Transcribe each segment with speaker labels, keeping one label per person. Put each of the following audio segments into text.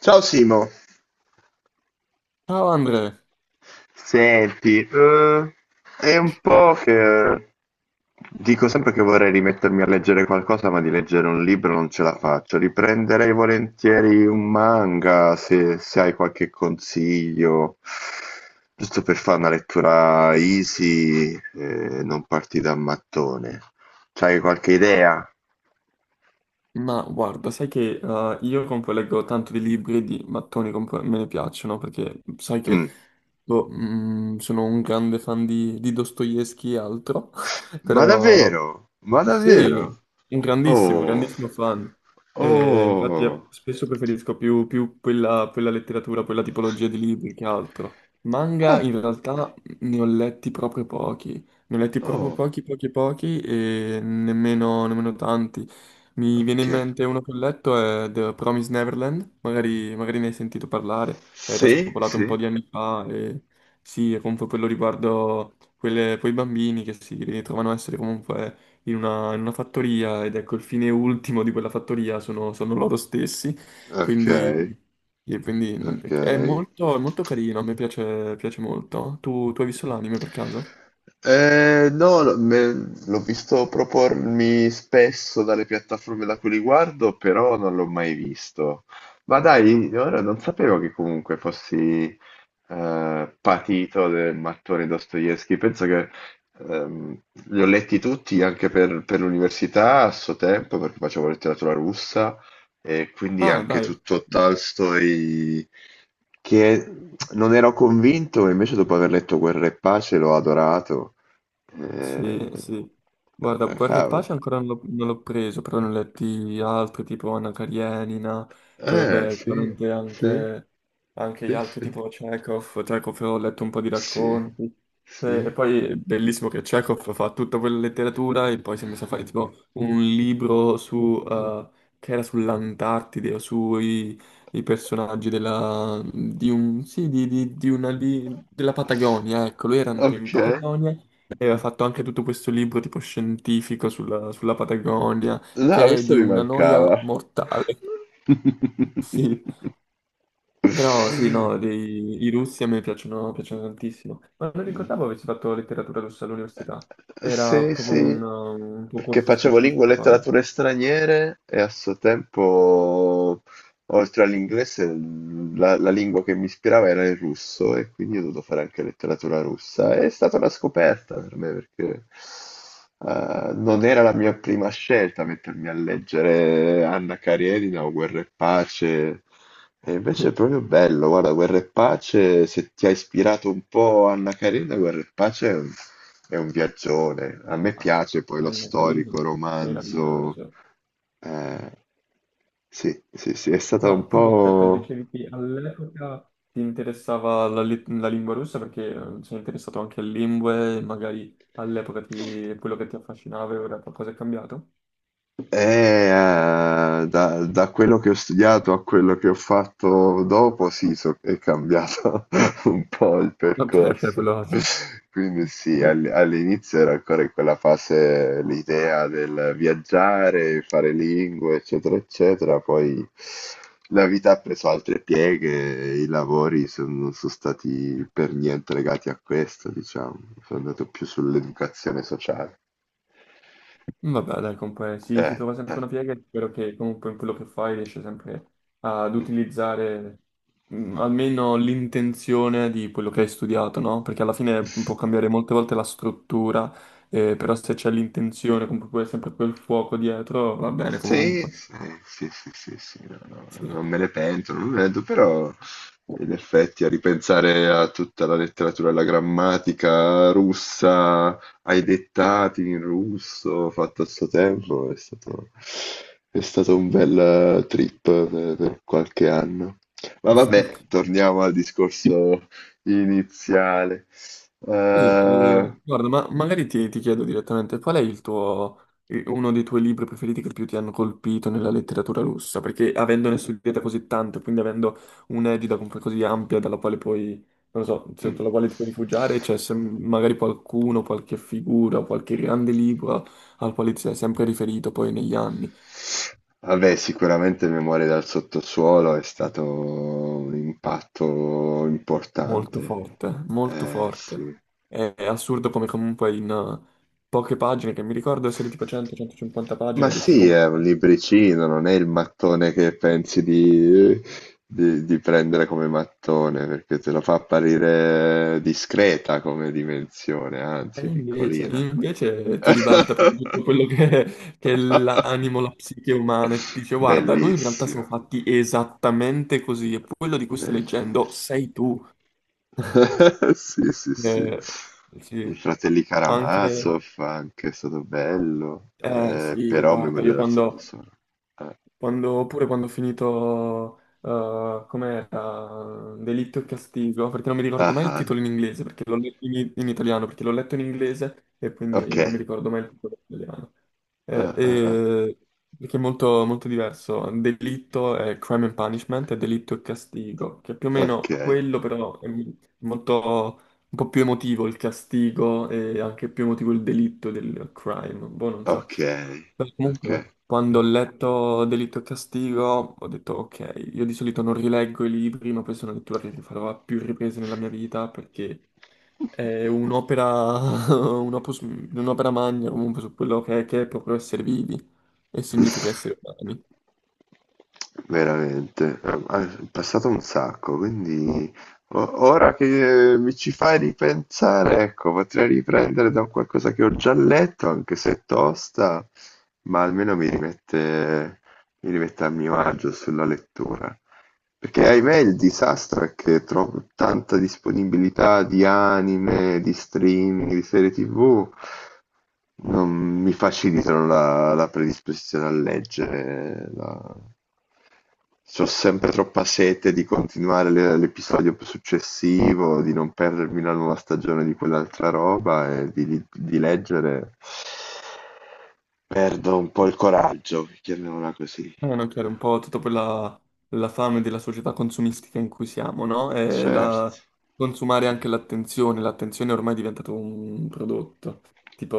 Speaker 1: Ciao Simo,
Speaker 2: Ciao Andre.
Speaker 1: senti, è un po' che dico sempre che vorrei rimettermi a leggere qualcosa, ma di leggere un libro non ce la faccio. Riprenderei volentieri un manga se hai qualche consiglio, giusto per fare una lettura easy e non partire da mattone. C'hai qualche idea?
Speaker 2: Ma guarda, sai che, io compoleggo tanto di libri e di mattoni, me ne piacciono, perché sai che
Speaker 1: Mm.
Speaker 2: boh, sono un grande fan di Dostoevsky e altro.
Speaker 1: Ma
Speaker 2: Però
Speaker 1: davvero? Ma
Speaker 2: sì,
Speaker 1: davvero?
Speaker 2: un grandissimo,
Speaker 1: Oh,
Speaker 2: grandissimo fan. Infatti,
Speaker 1: oh.
Speaker 2: spesso preferisco più quella letteratura, quella tipologia di libri che altro.
Speaker 1: Eh,
Speaker 2: Manga in
Speaker 1: eh,
Speaker 2: realtà ne ho letti proprio pochi,
Speaker 1: oh,
Speaker 2: pochi, pochi e nemmeno tanti. Mi viene
Speaker 1: ok.
Speaker 2: in mente uno che ho letto è The Promised Neverland. Magari ne hai sentito parlare, era
Speaker 1: Sì,
Speaker 2: spopolato un
Speaker 1: sì,
Speaker 2: po' di anni fa. E sì, è comunque quello riguardo quei bambini che si ritrovano a essere comunque in una fattoria, ed ecco il fine ultimo di quella fattoria sono loro stessi.
Speaker 1: ok,
Speaker 2: Quindi, e quindi
Speaker 1: ok.
Speaker 2: è molto carino, a me piace, piace molto. Tu hai visto l'anime per caso?
Speaker 1: No, no, l'ho visto propormi spesso dalle piattaforme da cui li guardo, però non l'ho mai visto. Ma dai, ora non sapevo che comunque fossi patito del mattone Dostoevsky. Penso che ehm, li ho letti tutti anche per l'università a suo tempo, perché facevo letteratura russa. E quindi
Speaker 2: Ah,
Speaker 1: anche
Speaker 2: dai.
Speaker 1: tutto Tolstoi, che non ero convinto, e invece dopo aver letto Guerra e Pace l'ho adorato.
Speaker 2: Sì,
Speaker 1: Eh,
Speaker 2: sì. Guarda,
Speaker 1: ah,
Speaker 2: Guerra e
Speaker 1: cavolo.
Speaker 2: Pace ancora non l'ho preso, però ne ho letti altri tipo Anna Karenina. Poi vabbè,
Speaker 1: Sì,
Speaker 2: chiaramente
Speaker 1: sì,
Speaker 2: anche gli
Speaker 1: sì,
Speaker 2: altri
Speaker 1: sì,
Speaker 2: tipo Chekhov. Chekhov, ho letto un po' di
Speaker 1: sì,
Speaker 2: racconti. E
Speaker 1: sì.
Speaker 2: poi è bellissimo che Chekhov fa tutta quella letteratura e poi si è messo a fare tipo un libro su che era sull'Antartide, o sui i personaggi sì, della Patagonia. Ecco, lui era andato in
Speaker 1: Ok,
Speaker 2: Patagonia e aveva fatto anche tutto questo libro tipo scientifico sulla Patagonia,
Speaker 1: no,
Speaker 2: che è
Speaker 1: questo
Speaker 2: di
Speaker 1: mi
Speaker 2: una noia
Speaker 1: mancava.
Speaker 2: mortale. Sì, però sì, no, i russi a me piacciono, piacciono tantissimo. Ma non ricordavo avessi fatto letteratura russa all'università. Era
Speaker 1: Sì,
Speaker 2: proprio
Speaker 1: sì,
Speaker 2: un tuo
Speaker 1: perché
Speaker 2: corso
Speaker 1: facevo lingua e
Speaker 2: specifico, poi.
Speaker 1: letterature straniere e a suo tempo oltre all'inglese, la lingua che mi ispirava era il russo e quindi ho dovuto fare anche letteratura russa. È stata una scoperta per me perché non era la mia prima scelta mettermi a leggere Anna Karenina o Guerra e Pace. E invece è proprio bello, guarda, Guerra e Pace, se ti ha ispirato un po' Anna Karenina, Guerra e Pace è un viaggione. A
Speaker 2: Eh,
Speaker 1: me piace poi lo
Speaker 2: Anna
Speaker 1: storico,
Speaker 2: Karenina,
Speaker 1: romanzo.
Speaker 2: meraviglioso.
Speaker 1: Eh, sì, sì, sì, è stata un
Speaker 2: No, quindi aspetta,
Speaker 1: po'.
Speaker 2: dicevi che all'epoca ti interessava la lingua russa perché, sei interessato anche alle lingue, e magari all'epoca quello che ti affascinava, e ora qualcosa è cambiato?
Speaker 1: Da quello che ho studiato a quello che ho fatto dopo, sì, è cambiato un po' il
Speaker 2: Ok, ok,
Speaker 1: percorso.
Speaker 2: quello...
Speaker 1: Quindi sì,
Speaker 2: Sì,
Speaker 1: all'inizio era ancora in quella fase l'idea del viaggiare, fare lingue, eccetera, eccetera. Poi la vita ha preso altre pieghe, e i lavori non sono stati per niente legati a questo, diciamo. Sono andato più sull'educazione sociale.
Speaker 2: mm, vabbè, dai, comunque si trova sempre
Speaker 1: Eh.
Speaker 2: una piega, e spero che comunque in quello che fai riesci sempre ad utilizzare, almeno l'intenzione di quello che hai studiato, no? Perché alla fine può cambiare molte volte la struttura, però se c'è l'intenzione, comunque poi sempre quel fuoco dietro, va bene
Speaker 1: Sì,
Speaker 2: comunque.
Speaker 1: sì, sì, sì, sì, sì, no, no,
Speaker 2: Sì.
Speaker 1: non me ne pento, non me ne pento, però in effetti a ripensare a tutta la letteratura, alla grammatica russa, ai dettati in russo fatto a suo tempo, è stato un bel trip per qualche anno. Ma vabbè, torniamo al discorso iniziale.
Speaker 2: Sì,
Speaker 1: Eh,
Speaker 2: guarda, ma magari ti chiedo direttamente, qual è il tuo, uno dei tuoi libri preferiti che più ti hanno colpito nella letteratura russa? Perché avendone studiata così tanto, quindi avendo un'egida comunque così ampia dalla quale puoi, non lo so, sotto la
Speaker 1: mm.
Speaker 2: quale ti puoi rifugiare, c'è magari qualcuno, qualche figura, qualche grande libro al quale ti sei sempre riferito poi negli anni.
Speaker 1: Vabbè, sicuramente Memorie dal sottosuolo è stato un impatto
Speaker 2: Molto
Speaker 1: importante.
Speaker 2: forte, molto forte.
Speaker 1: Sì.
Speaker 2: È assurdo come comunque in poche pagine, che mi ricordo essere tipo 100-150
Speaker 1: Ma
Speaker 2: pagine, riesce a
Speaker 1: sì, è un
Speaker 2: comprare.
Speaker 1: libricino, non è il mattone che pensi di prendere come mattone, perché te lo fa apparire discreta come dimensione,
Speaker 2: E
Speaker 1: anzi
Speaker 2: invece,
Speaker 1: piccolina.
Speaker 2: invece ti ribalta proprio tutto quello che è l'animo, la psiche umana, e ti dice: "Guarda, noi in realtà siamo
Speaker 1: Bellissimo,
Speaker 2: fatti esattamente così, e quello di cui stai
Speaker 1: bellissimo.
Speaker 2: leggendo sei tu."
Speaker 1: Sì, sì, sì.
Speaker 2: Eh
Speaker 1: I
Speaker 2: sì,
Speaker 1: fratelli
Speaker 2: anche,
Speaker 1: Karamazov anche, è stato bello.
Speaker 2: eh sì,
Speaker 1: Però
Speaker 2: guarda,
Speaker 1: Memoria del sottosuolo. Ah,
Speaker 2: Oppure quando ho finito, com'era, Delitto e Castigo, perché non mi ricordo
Speaker 1: ah,
Speaker 2: mai il
Speaker 1: ah,
Speaker 2: titolo in inglese, perché l'ho letto in, in italiano, perché l'ho letto in inglese e
Speaker 1: ok.
Speaker 2: quindi non mi ricordo mai il titolo in italiano. Eh,
Speaker 1: Ah, ah, ah,
Speaker 2: eh, perché è molto, molto diverso. Delitto è Crime and Punishment, e Delitto e Castigo, che è più o
Speaker 1: ok,
Speaker 2: meno quello, però è molto, un po' più emotivo il castigo, e anche più emotivo il delitto del crime. Boh, non so.
Speaker 1: ok,
Speaker 2: Beh,
Speaker 1: ok.
Speaker 2: comunque, quando ho letto Delitto e Castigo, ho detto ok, io di solito non rileggo i libri, ma questa è una lettura che rifarò a più riprese nella mia vita, perché è un'opera... un'opera magna comunque, su quello che è, proprio essere vivi, e significa essere umani.
Speaker 1: Veramente, ah, è passato un sacco, quindi ora che mi ci fai ripensare, ecco, potrei riprendere da qualcosa che ho già letto, anche se è tosta, ma almeno mi rimette a mio agio sulla lettura. Perché ahimè il disastro è che trovo tanta disponibilità di anime, di streaming, di serie TV. Non mi facilitano la predisposizione a leggere la. C'ho sempre troppa sete di continuare l'episodio successivo, di non perdermi la nuova stagione di quell'altra roba e di leggere. Perdo un po' il coraggio, chiamiamola così.
Speaker 2: No, chiaro,
Speaker 1: Eh,
Speaker 2: un po' tutta quella la fame della società consumistica in cui siamo, no?
Speaker 1: Certo,
Speaker 2: Consumare anche
Speaker 1: certo.
Speaker 2: l'attenzione, l'attenzione ormai è diventato un prodotto,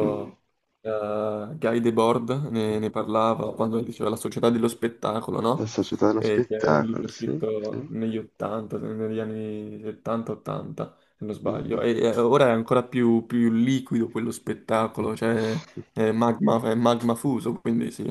Speaker 1: Mm.
Speaker 2: Guy Debord ne parlava quando diceva La società dello spettacolo,
Speaker 1: La
Speaker 2: no?
Speaker 1: società dello
Speaker 2: Che è un
Speaker 1: spettacolo,
Speaker 2: libro
Speaker 1: sì. Sì.
Speaker 2: scritto
Speaker 1: Mm,
Speaker 2: negli 80, negli anni 70-80, se non sbaglio.
Speaker 1: mm.
Speaker 2: E ora è ancora più liquido quello spettacolo, cioè
Speaker 1: Mm,
Speaker 2: è magma fuso, quindi sì.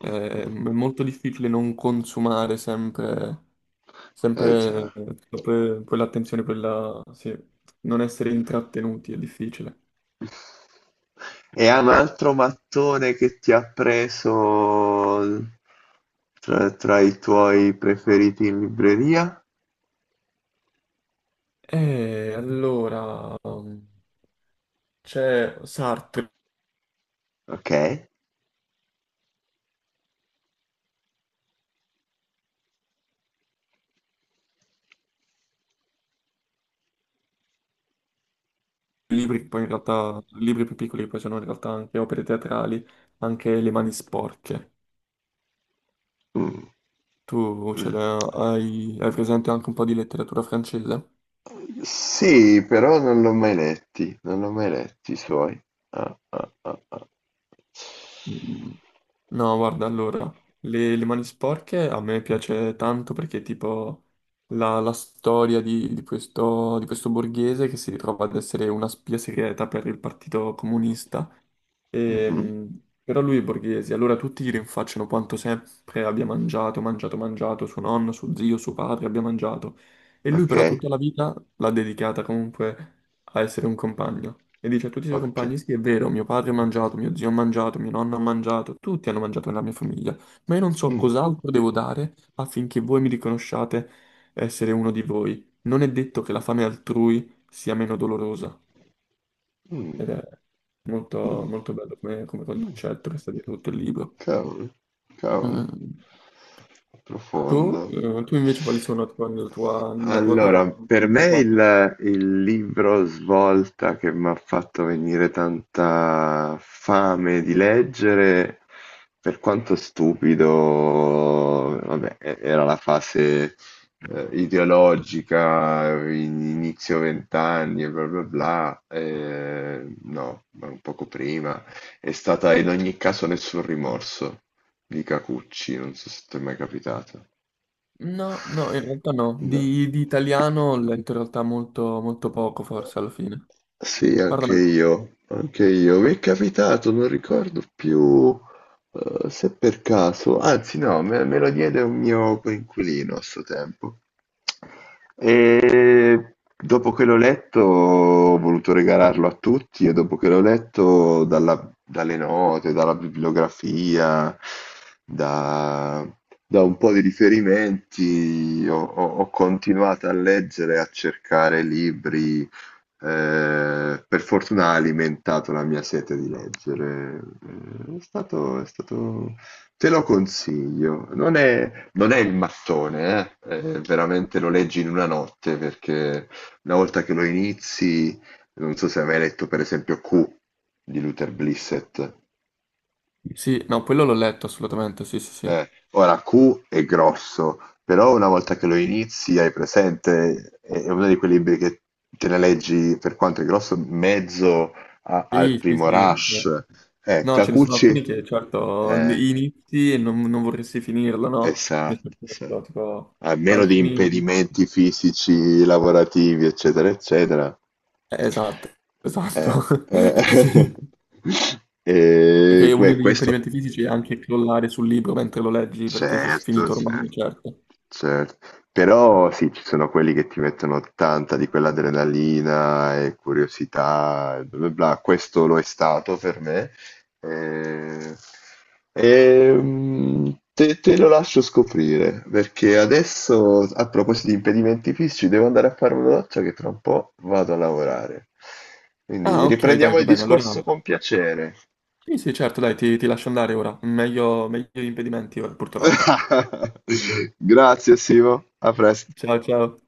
Speaker 1: mm.
Speaker 2: È molto difficile non consumare
Speaker 1: Eh già.
Speaker 2: sempre sì, non essere intrattenuti è difficile.
Speaker 1: E ha un altro mattone che ti ha preso tra i tuoi preferiti in libreria?
Speaker 2: E allora c'è Sartre,
Speaker 1: Ok.
Speaker 2: libri che poi in realtà, libri più piccoli che poi sono in realtà anche opere teatrali, anche Le mani sporche.
Speaker 1: Mm.
Speaker 2: Tu ce l'hai, hai presente anche un po' di letteratura francese?
Speaker 1: Sì, però non l'ho mai letti, non l'ho mai letti i suoi. Ah, ah, ah, ah.
Speaker 2: Mm, no, guarda, allora, le mani sporche a me piace tanto, perché tipo la storia di questo borghese che si ritrova ad essere una spia segreta per il Partito Comunista.
Speaker 1: Mhm.
Speaker 2: Ehm, Però lui è borghese, allora tutti gli rinfacciano quanto sempre abbia mangiato, mangiato, mangiato, suo nonno, suo zio, suo padre abbia mangiato. E lui
Speaker 1: Ok,
Speaker 2: però tutta la vita l'ha dedicata comunque a essere un compagno. E dice a tutti i suoi
Speaker 1: ok.
Speaker 2: compagni: "Sì, è vero, mio padre ha mangiato, mio zio ha mangiato, mio nonno ha mangiato, tutti hanno mangiato nella mia famiglia, ma io non so
Speaker 1: Mm,
Speaker 2: cos'altro devo dare affinché voi mi riconosciate essere uno di voi. Non è detto che la fame altrui sia meno dolorosa." Ed
Speaker 1: mm,
Speaker 2: è molto,
Speaker 1: mm,
Speaker 2: molto bello come,
Speaker 1: mm.
Speaker 2: concetto che sta dietro tutto il libro.
Speaker 1: Cavolo, cavolo,
Speaker 2: Mm. Tu,
Speaker 1: profondo.
Speaker 2: eh, tu invece quali sono tipo, la tua
Speaker 1: Allora,
Speaker 2: top,
Speaker 1: per
Speaker 2: il tuo
Speaker 1: me
Speaker 2: pop?
Speaker 1: il libro svolta che mi ha fatto venire tanta fame di leggere, per quanto stupido, vabbè, era la fase ideologica, inizio vent'anni e bla bla bla, no, ma un poco prima. È stata in ogni caso Nessun rimorso di Kikuchi, non so se t'è mai capitata.
Speaker 2: No, no, in realtà no.
Speaker 1: No.
Speaker 2: Di italiano ho letto in realtà molto, molto poco, forse, alla fine.
Speaker 1: Sì, anche
Speaker 2: Parlamene un po'.
Speaker 1: io, anche io. Mi è capitato, non ricordo più se per caso, anzi no, me lo diede un mio coinquilino a suo tempo. E dopo che l'ho letto ho voluto regalarlo a tutti e dopo che l'ho letto dalle note, dalla bibliografia, da, da un po' di riferimenti, ho continuato a leggere, a cercare libri per fortuna ha alimentato la mia sete di leggere. È stato, è stato... Te lo consiglio. Non è il mattone, eh. Veramente lo leggi in una notte perché una volta che lo inizi, non so se hai mai letto per esempio Q di Luther Blissett.
Speaker 2: Sì, no, quello l'ho letto assolutamente, sì, sì, sì.
Speaker 1: Ora Q è grosso, però una volta che lo inizi hai presente, è uno di quei libri che te ne leggi per quanto è grosso, mezzo al
Speaker 2: Sì, sì,
Speaker 1: primo
Speaker 2: sì,
Speaker 1: rush.
Speaker 2: no, ce ne sono alcuni
Speaker 1: Kakuchi,
Speaker 2: che, certo,
Speaker 1: eh,
Speaker 2: inizi e non vorresti finirlo, no? Mi sono
Speaker 1: esatto, sì.
Speaker 2: detto, tipo,
Speaker 1: A meno di
Speaker 2: alcuni...
Speaker 1: impedimenti fisici, lavorativi, eccetera, eccetera.
Speaker 2: Esatto,
Speaker 1: Eh,
Speaker 2: esatto. Sì,
Speaker 1: eh. E
Speaker 2: perché uno degli
Speaker 1: questo
Speaker 2: impedimenti fisici è anche crollare sul libro mentre lo leggi, perché sei
Speaker 1: certo,
Speaker 2: sfinito ormai,
Speaker 1: certo,
Speaker 2: certo.
Speaker 1: certo. Però sì, ci sono quelli che ti mettono tanta di quell'adrenalina e curiosità, e bla bla bla. Questo lo è stato per me. Eh, te, te lo lascio scoprire, perché adesso, a proposito di impedimenti fisici, devo andare a fare una doccia che tra un po' vado a lavorare. Quindi
Speaker 2: Ah, ok, dai,
Speaker 1: riprendiamo
Speaker 2: va
Speaker 1: il
Speaker 2: bene,
Speaker 1: discorso
Speaker 2: allora...
Speaker 1: con piacere.
Speaker 2: Sì, sì, certo, dai, ti lascio andare ora. Meglio, meglio gli impedimenti ora, purtroppo.
Speaker 1: Grazie, Simo. A presto.
Speaker 2: Ciao, ciao.